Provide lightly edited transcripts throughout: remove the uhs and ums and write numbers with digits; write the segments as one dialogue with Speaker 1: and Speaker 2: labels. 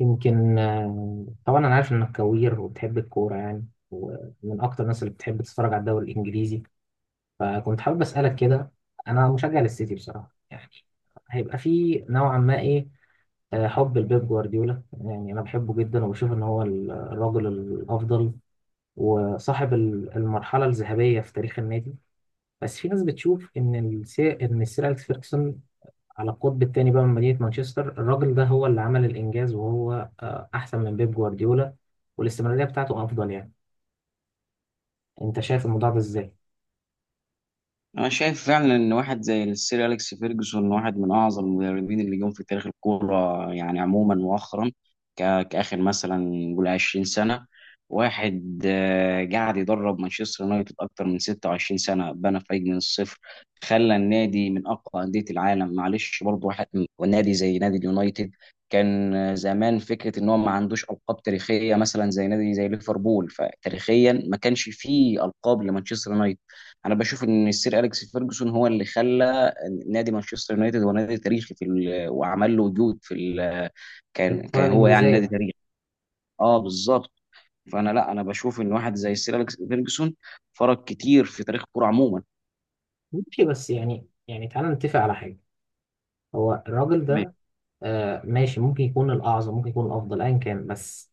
Speaker 1: يمكن طبعا انا عارف انك كوير وبتحب الكوره يعني، ومن اكتر الناس اللي بتحب تتفرج على الدوري الانجليزي. فكنت حابب اسالك كده. انا مشجع للسيتي بصراحه يعني، هيبقى في نوعا ما ايه. حب لبيب جوارديولا، يعني انا بحبه جدا وبشوف ان هو الراجل الافضل، وصاحب المرحله الذهبيه في تاريخ النادي. بس في ناس بتشوف ان ان سير اليكس فيرجسون على القطب الثاني بقى من مدينة مانشستر. الراجل ده هو اللي عمل الإنجاز، وهو أحسن من بيب جوارديولا، والاستمرارية بتاعته أفضل يعني. أنت شايف الموضوع ده إزاي؟
Speaker 2: انا شايف فعلا ان واحد زي السير اليكس فيرجسون واحد من اعظم المدربين اللي جم في تاريخ الكوره يعني عموما مؤخرا، كاخر مثلا نقول 20 سنه. واحد قاعد يدرب مانشستر يونايتد اكتر من 26 سنه، بنى فريق من الصفر، خلى النادي من اقوى انديه العالم. معلش، برضه واحد نادي زي نادي اليونايتد كان زمان فكره ان هو ما عندوش القاب تاريخيه مثلا زي نادي زي ليفربول، فتاريخيا ما كانش فيه القاب لمانشستر يونايتد. انا بشوف ان السير اليكس فيرجسون هو اللي خلى نادي مانشستر يونايتد هو نادي تاريخي في وعمل له وجود في كان
Speaker 1: الكرة
Speaker 2: كان هو يعني نادي
Speaker 1: الإنجليزية.
Speaker 2: تاريخي. اه بالظبط. فانا لا انا بشوف ان واحد زي السير اليكس فيرجسون فرق كتير في تاريخ الكوره عموما.
Speaker 1: ماشي، بس يعني تعالى نتفق على حاجة. هو الراجل ده ماشي، ممكن يكون الأعظم، ممكن يكون الأفضل، أيا كان. بس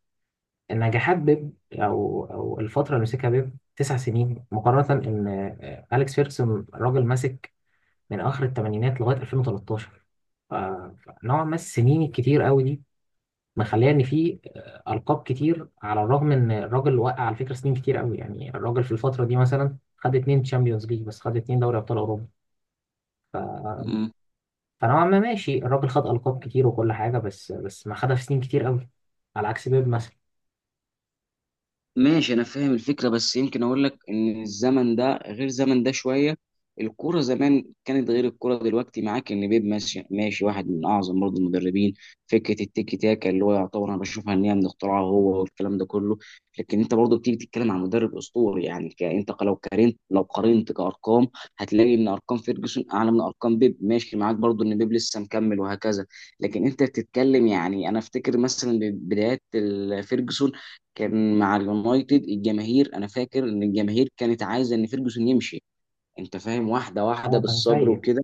Speaker 1: نجاحات بيب أو الفترة اللي مسكها بيب 9 سنين، مقارنة إن أليكس فيركسون راجل ماسك من آخر الثمانينات لغاية 2013. فنوعا ما السنين الكتير قوي دي مخليه ان في القاب كتير، على الرغم ان الراجل وقع على فكره سنين كتير قوي يعني. الراجل في الفتره دي مثلا خد 2 تشامبيونز ليج بس، خد 2 دوري ابطال اوروبا.
Speaker 2: تمام.
Speaker 1: فنوعا ما ماشي، الراجل خد القاب كتير وكل حاجه، بس ما خدها في سنين كتير قوي على عكس بيب مثلا.
Speaker 2: ماشي، انا فاهم الفكره بس يمكن اقول لك ان الزمن ده غير زمن ده شويه. الكوره زمان كانت غير الكوره دلوقتي. معاك ان بيب ماشي ماشي واحد من اعظم برضه المدربين. فكره التيكي تاكا اللي هو يعتبر، انا بشوفها ان هي من اختراعه هو والكلام ده كله. لكن انت برضه بتيجي تتكلم عن مدرب اسطوري يعني لو قارنت لو قارنت كارقام، هتلاقي ان ارقام فيرجسون اعلى من ارقام بيب. ماشي معاك برضه ان بيب لسه مكمل وهكذا. لكن انت بتتكلم، يعني انا افتكر مثلا بدايات فيرجسون كان مع اليونايتد الجماهير، انا فاكر ان الجماهير كانت عايزه ان فيرجسون يمشي. انت فاهم، واحده واحده
Speaker 1: اه كان
Speaker 2: بالصبر
Speaker 1: سيء.
Speaker 2: وكده.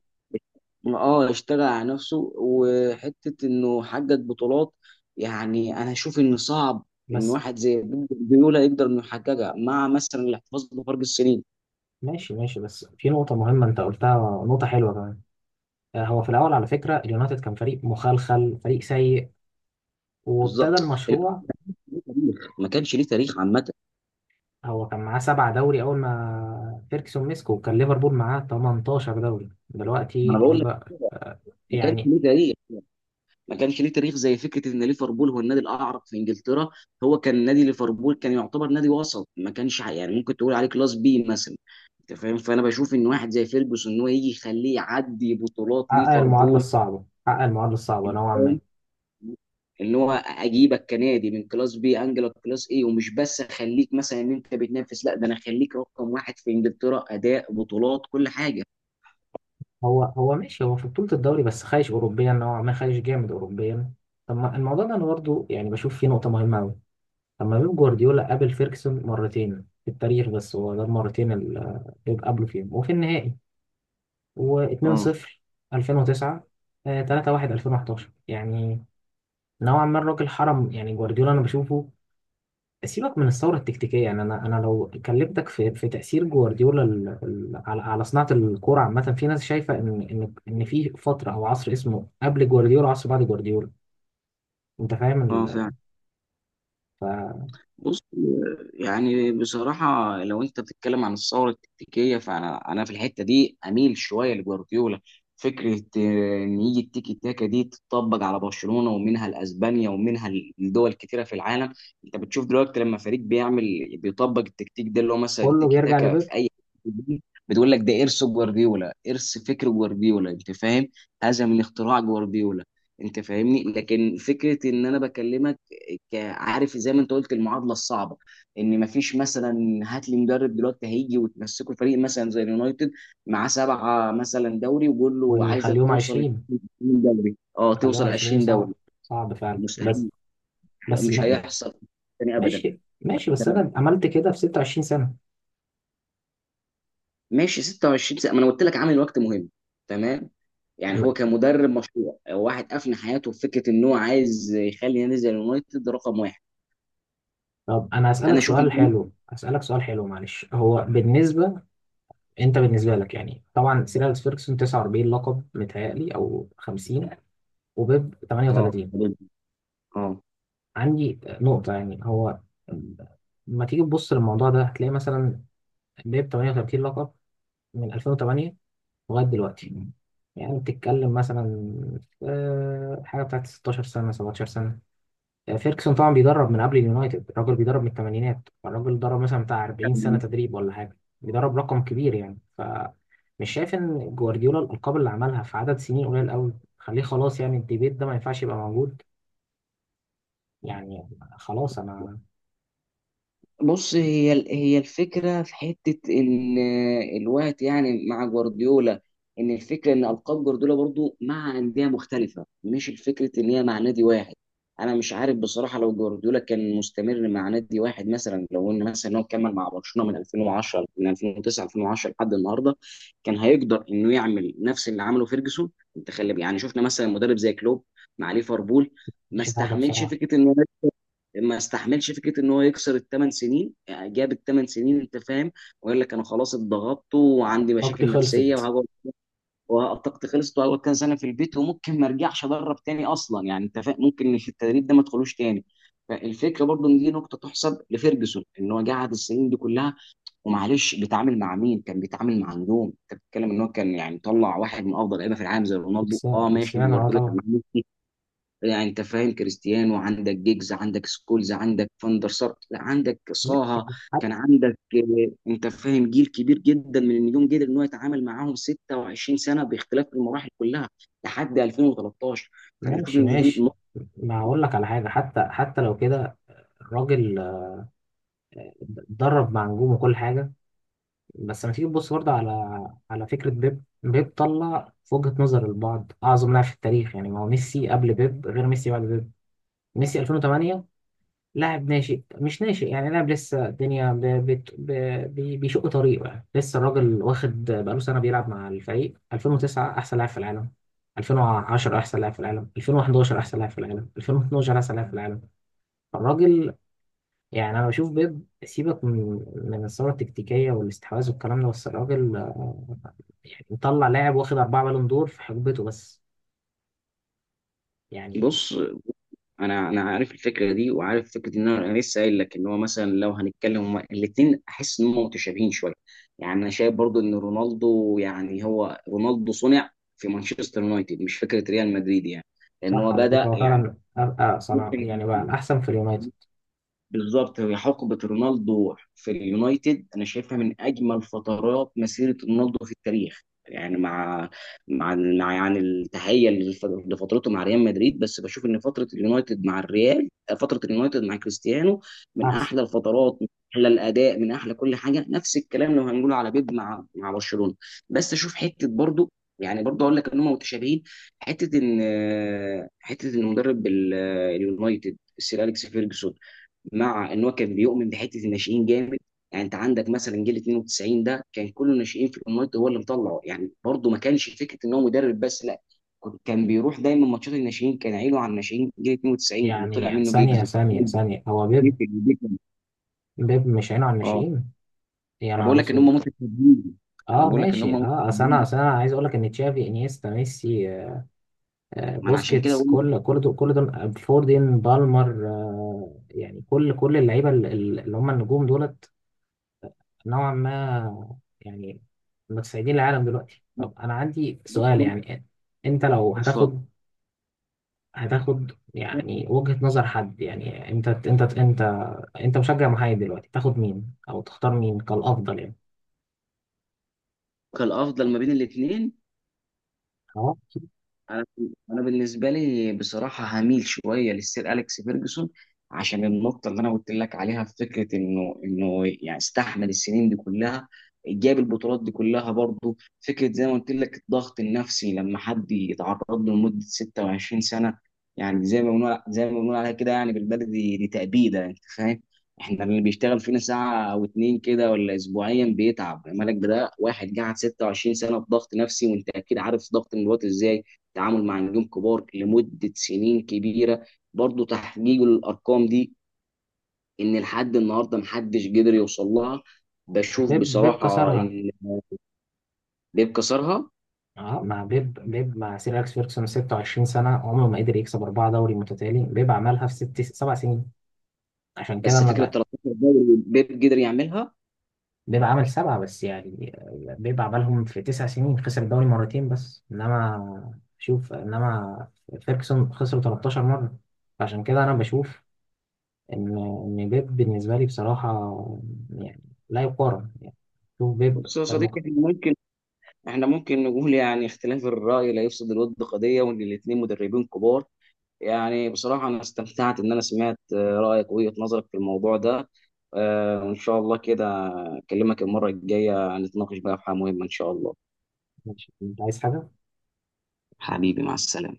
Speaker 2: اه اشتغل على نفسه وحته انه حقق بطولات. يعني انا اشوف ان صعب ان
Speaker 1: بس.
Speaker 2: واحد زي بيب جوارديولا يقدر انه يحققها مع مثلا الاحتفاظ بفرق السنين.
Speaker 1: ماشي ماشي، بس في نقطه مهمه انت قلتها، نقطه حلوه كمان. هو في الاول على فكره اليونايتد كان فريق مخلخل، فريق سيء، وابتدى
Speaker 2: بالظبط،
Speaker 1: المشروع.
Speaker 2: ما كانش ليه تاريخ عامه.
Speaker 1: هو كان معاه 7 دوري أول ما فيركسون مسكه، وكان ليفربول معاه 18 دوري
Speaker 2: ما
Speaker 1: دلوقتي.
Speaker 2: انا بقول لك،
Speaker 1: ليفر آه،
Speaker 2: ما كانش
Speaker 1: يعني
Speaker 2: ليه تاريخ، ما كانش ليه تاريخ زي فكره ان ليفربول هو النادي الاعرق في انجلترا. هو كان نادي ليفربول كان يعتبر نادي وسط، ما كانش يعني ممكن تقول عليه كلاس بي مثلا. انت فاهم، فانا بشوف ان واحد زي فيرجسون ان هو يجي يخليه يعدي بطولات
Speaker 1: حقق المعادلة
Speaker 2: ليفربول.
Speaker 1: الصعبة،
Speaker 2: انت
Speaker 1: نوعا ما.
Speaker 2: فاهم ان هو اجيبك كنادي من كلاس بي انجلك كلاس اي، ومش بس اخليك مثلا ان انت بتنافس، لا ده انا اخليك رقم واحد في انجلترا اداء بطولات كل حاجه.
Speaker 1: هو ماشي، هو في بطولة الدوري بس، خايش أوروبيا نوعا ما، خايش جامد أوروبيا. طب ما الموضوع ده أنا برضه يعني بشوف فيه نقطة مهمة أوي. طب ما بيب جوارديولا قابل فيركسون مرتين في التاريخ بس، هو ده المرتين اللي بيب قابله فيهم، وفي النهائي.
Speaker 2: اه.
Speaker 1: و2-0 2009، 3-1 2011 يعني، نوعا ما الراجل حرم يعني جوارديولا، انا بشوفه. سيبك من الثوره التكتيكيه، يعني انا لو كلمتك في تاثير جوارديولا، على صناعه الكوره عامه، في ناس شايفه ان في فتره او عصر اسمه قبل جوارديولا، وعصر بعد جوارديولا. انت فاهم
Speaker 2: اه
Speaker 1: ال-
Speaker 2: فعلا.
Speaker 1: فكله
Speaker 2: بص، يعني بصراحة لو أنت بتتكلم عن الثورة التكتيكية فأنا في الحتة دي أميل شوية لجوارديولا. فكرة إن يجي التيكي تاكا دي تطبق على برشلونة ومنها لأسبانيا ومنها لدول كتيرة في العالم. أنت بتشوف دلوقتي لما فريق بيعمل بيطبق التكتيك ده اللي هو مثلا التيكي
Speaker 1: بيرجع
Speaker 2: تاكا
Speaker 1: لبيب،
Speaker 2: في أي، بتقول لك ده إرث جوارديولا، إرث فكر جوارديولا. أنت فاهم، هذا من اختراع جوارديولا. أنت فاهمني. لكن فكرة إن أنا بكلمك، عارف زي ما انت قلت المعادله الصعبه، ان مفيش مثلا، هات لي مدرب دلوقتي هيجي وتمسكه فريق مثلا زي اليونايتد مع سبعه مثلا دوري وقول له عايزك
Speaker 1: ويخليهم
Speaker 2: توصل
Speaker 1: 20
Speaker 2: 20 دوري. اه
Speaker 1: يخليهم
Speaker 2: توصل
Speaker 1: 20،
Speaker 2: 20
Speaker 1: صعب.
Speaker 2: دوري.
Speaker 1: صعب فعلا، بس
Speaker 2: مستحيل،
Speaker 1: بس
Speaker 2: مش هيحصل تاني ابدا.
Speaker 1: ماشي ماشي، بس
Speaker 2: تمام.
Speaker 1: انا عملت كده في 26 سنه.
Speaker 2: ماشي 26 سنه، ما انا قلت لك عامل وقت مهم. تمام. يعني هو كمدرب مشروع واحد افنى حياته في فكره ان هو عايز يخلي نادي زي اليونايتد رقم واحد.
Speaker 1: طب انا
Speaker 2: انا
Speaker 1: هسالك
Speaker 2: اشوف
Speaker 1: سؤال
Speaker 2: ان
Speaker 1: حلو، معلش. هو بالنسبه انت، بالنسبه لك يعني، طبعا سير اليكس فيرجسون 49 لقب متهيألي او 50، وبيب
Speaker 2: اه.
Speaker 1: 38.
Speaker 2: اه.
Speaker 1: عندي نقطه يعني، هو لما تيجي تبص للموضوع ده هتلاقي مثلا بيب 38 لقب من 2008 لغايه دلوقتي. يعني بتتكلم مثلا حاجه بتاعت 16 سنه 17. يعني فيركسون طبعا بيدرب من قبل اليونايتد، الراجل بيدرب من الثمانينات، الراجل درب مثلا بتاع 40 سنة تدريب ولا حاجة، بيدرب رقم كبير يعني. فمش شايف ان جوارديولا الألقاب اللي عملها في عدد سنين قليل قوي. خليه خلاص، يعني الديبيت ده ما ينفعش يبقى موجود يعني. خلاص انا.
Speaker 2: بص، هي الفكره في حته الوقت يعني مع جوارديولا، ان الفكره ان القاب جوارديولا برضو مع انديه مختلفه، مش الفكره ان هي مع نادي واحد. انا مش عارف بصراحه لو جوارديولا كان مستمر مع نادي واحد، مثلا لو ان مثلا هو كمل مع برشلونه من 2010، من 2009، 2010 لحد النهارده، كان هيقدر انه يعمل نفس اللي عمله فيرجسون. انت خلي، يعني شفنا مثلا مدرب زي كلوب مع ليفربول. ما
Speaker 1: مش حاجة
Speaker 2: استحملش
Speaker 1: بصراحة.
Speaker 2: فكره انه، ما استحملش فكره ان هو يكسر الثمان سنين. يعني جاب الثمان سنين، انت فاهم، وقال لك انا خلاص اتضغطت وعندي
Speaker 1: وقتي
Speaker 2: مشاكل نفسيه
Speaker 1: خلصت.
Speaker 2: وهقعد، وطاقتي خلصت وهقعد كام سنه في البيت وممكن ما ارجعش ادرب تاني اصلا. يعني انت فاهم ممكن في التدريب ده ما ادخلوش تاني. فالفكره برضو ان دي نقطه تحسب لفيرجسون، ان هو قعد السنين دي كلها. ومعلش، بيتعامل مع مين؟ كان بيتعامل مع نجوم. انت بتتكلم ان هو كان يعني طلع واحد من افضل لعيبه في العالم زي رونالدو.
Speaker 1: كريستيانو
Speaker 2: اه ماشي،
Speaker 1: كريستيانو، اه
Speaker 2: جوارديولا كان
Speaker 1: طبعا.
Speaker 2: معاه. يعني انت فاهم، كريستيانو عندك، جيجز عندك، سكولز عندك، فاندر سار، لا عندك
Speaker 1: ماشي.
Speaker 2: صاها.
Speaker 1: حتى.
Speaker 2: كان عندك انت فاهم، جيل كبير جدا من النجوم قدر ان هو يتعامل معاهم 26 سنه باختلاف المراحل كلها لحد 2013. فانا اشوف
Speaker 1: ماشي
Speaker 2: ان دي
Speaker 1: ماشي. ما هقول لك على حاجة، حتى لو كده الراجل درب مع نجوم وكل حاجة، بس لما تيجي تبص برضه على فكرة بيب طلع في وجهة نظر البعض أعظم لاعب في التاريخ، يعني ما هو ميسي قبل بيب غير ميسي بعد بيب. ميسي 2008 لاعب ناشئ، مش ناشئ يعني، لاعب لسه الدنيا ب... بت... ب... بي- بيشق طريقه، يعني لسه الراجل واخد بقاله سنة بيلعب مع الفريق. 2009 أحسن لاعب في العالم، 2010 أحسن لاعب في العالم، 2011 أحسن لاعب في العالم، 2012 أحسن لاعب في العالم. الراجل، يعني انا بشوف بيب، سيبك من الثوره التكتيكيه والاستحواذ والكلام ده، بس الراجل يعني مطلع لاعب واخد 4 بالون دور في حقبته بس يعني.
Speaker 2: بص، انا عارف الفكره دي، وعارف فكره ان أنا لسه قايل لك ان هو مثلا لو هنتكلم الاثنين احس ان هم متشابهين شويه. يعني انا شايف برضو ان رونالدو، يعني هو رونالدو صنع في مانشستر يونايتد مش فكره ريال مدريد، يعني لان
Speaker 1: صح،
Speaker 2: هو
Speaker 1: على فكره
Speaker 2: بدا
Speaker 1: هو
Speaker 2: يعني.
Speaker 1: فعلا ابقى صنع،
Speaker 2: ممكن.
Speaker 1: يعني بقى الاحسن في اليونايتد.
Speaker 2: بالظبط، هي حقبة رونالدو في اليونايتد أنا شايفها من أجمل فترات مسيرة رونالدو في التاريخ. يعني مع مع يعني التحية لفترته مع ريال مدريد، بس بشوف إن فترة اليونايتد مع الريال، فترة اليونايتد مع كريستيانو، من
Speaker 1: احسن.
Speaker 2: أحلى الفترات، من أحلى الأداء، من أحلى كل حاجة. نفس الكلام لو هنقول على بيب مع برشلونة. بس أشوف حتة برضو، يعني برضه أقول لك إن هم متشابهين. حتة إن، حتة إن مدرب اليونايتد السير أليكس فيرجسون مع ان هو كان بيؤمن بحته الناشئين جامد. يعني انت عندك مثلا جيل 92 ده كان كله ناشئين في اليونايتد هو اللي مطلعه. يعني برضه ما كانش فكره ان هو مدرب بس، لا، كان بيروح دايما ماتشات الناشئين، كان عينه على الناشئين. جيل 92 اللي طلع
Speaker 1: يعني
Speaker 2: منه
Speaker 1: ثانيه
Speaker 2: جيجز
Speaker 1: ثانيه ثانيه، هو بيب، بيب مش عينه على
Speaker 2: اه.
Speaker 1: الناشئين. يا
Speaker 2: انا بقول
Speaker 1: نهار
Speaker 2: لك ان
Speaker 1: اسود.
Speaker 2: هم متفاهمين. انا
Speaker 1: اه
Speaker 2: بقول لك ان هم
Speaker 1: ماشي، اه، اصل انا
Speaker 2: متفاهمين.
Speaker 1: اصل انا عايز اقول لك ان تشافي انيستا ميسي
Speaker 2: ما انا عشان كده
Speaker 1: بوسكيتس،
Speaker 2: بقول لك.
Speaker 1: كل دول فوردين بالمر يعني كل اللعيبه اللي هم النجوم دول نوعا ما يعني، متسيدين العالم دلوقتي. طب انا عندي سؤال
Speaker 2: بص.
Speaker 1: يعني، انت لو
Speaker 2: اتفضل.
Speaker 1: هتاخد، هتاخد يعني وجهة نظر حد، يعني انت انت مشجع محايد دلوقتي، تاخد مين او تختار مين كالافضل يعني.
Speaker 2: الافضل ما بين الاثنين.
Speaker 1: اهو.
Speaker 2: انا، بالنسبه لي بصراحه هميل شويه للسير اليكس فيرجسون عشان النقطه اللي انا قلت لك عليها في فكره انه يعني استحمل السنين دي كلها، جاب البطولات دي كلها. برضه فكره زي ما قلت لك الضغط النفسي لما حد يتعرض له لمده 26 سنه، يعني زي ما بنقول زي ما بنقول عليها كده، يعني بالبلدي دي تأبيده. انت فاهم، احنا اللي بيشتغل فينا ساعه او اتنين كده ولا اسبوعيا بيتعب مالك، بده واحد قاعد 26 سنه في ضغط نفسي، وانت اكيد عارف ضغط الوقت ازاي. تعامل مع نجوم كبار لمدة سنين كبيرة، برضو تحقيق الأرقام دي إن لحد النهاردة محدش قدر يوصل لها. بشوف
Speaker 1: بيب
Speaker 2: بصراحة
Speaker 1: كسرها.
Speaker 2: إن بيب كسرها.
Speaker 1: اه، مع بيب، مع سير اليكس فيركسون 26 سنه، عمره ما قدر يكسب 4 دوري متتالي. بيب عملها في ست سبع سنين. عشان كده
Speaker 2: بس فكرة
Speaker 1: انا،
Speaker 2: 13 دوري بيب قدر يعملها.
Speaker 1: بيبقى عمل 7 بس يعني، بيبقى عملهم في 9 سنين، خسر الدوري مرتين بس. إنما شوف، إنما فيركسون خسر 13 مرة. فعشان كده أنا بشوف إن بيب بالنسبة لي بصراحة يعني لا يقارن يعني. شوف بيب
Speaker 2: بص يا صديقي،
Speaker 1: المك...
Speaker 2: احنا ممكن، احنا ممكن نقول يعني اختلاف الرأي لا يفسد الود قضية، وإن الاتنين مدربين كبار. يعني بصراحة أنا استمتعت إن أنا سمعت رأيك ووجهة نظرك في الموضوع ده. وإن شاء الله كده أكلمك المرة الجاية نتناقش بقى في حاجة مهمة إن شاء الله.
Speaker 1: مش أنت عايز حاجة؟
Speaker 2: حبيبي، مع السلامة.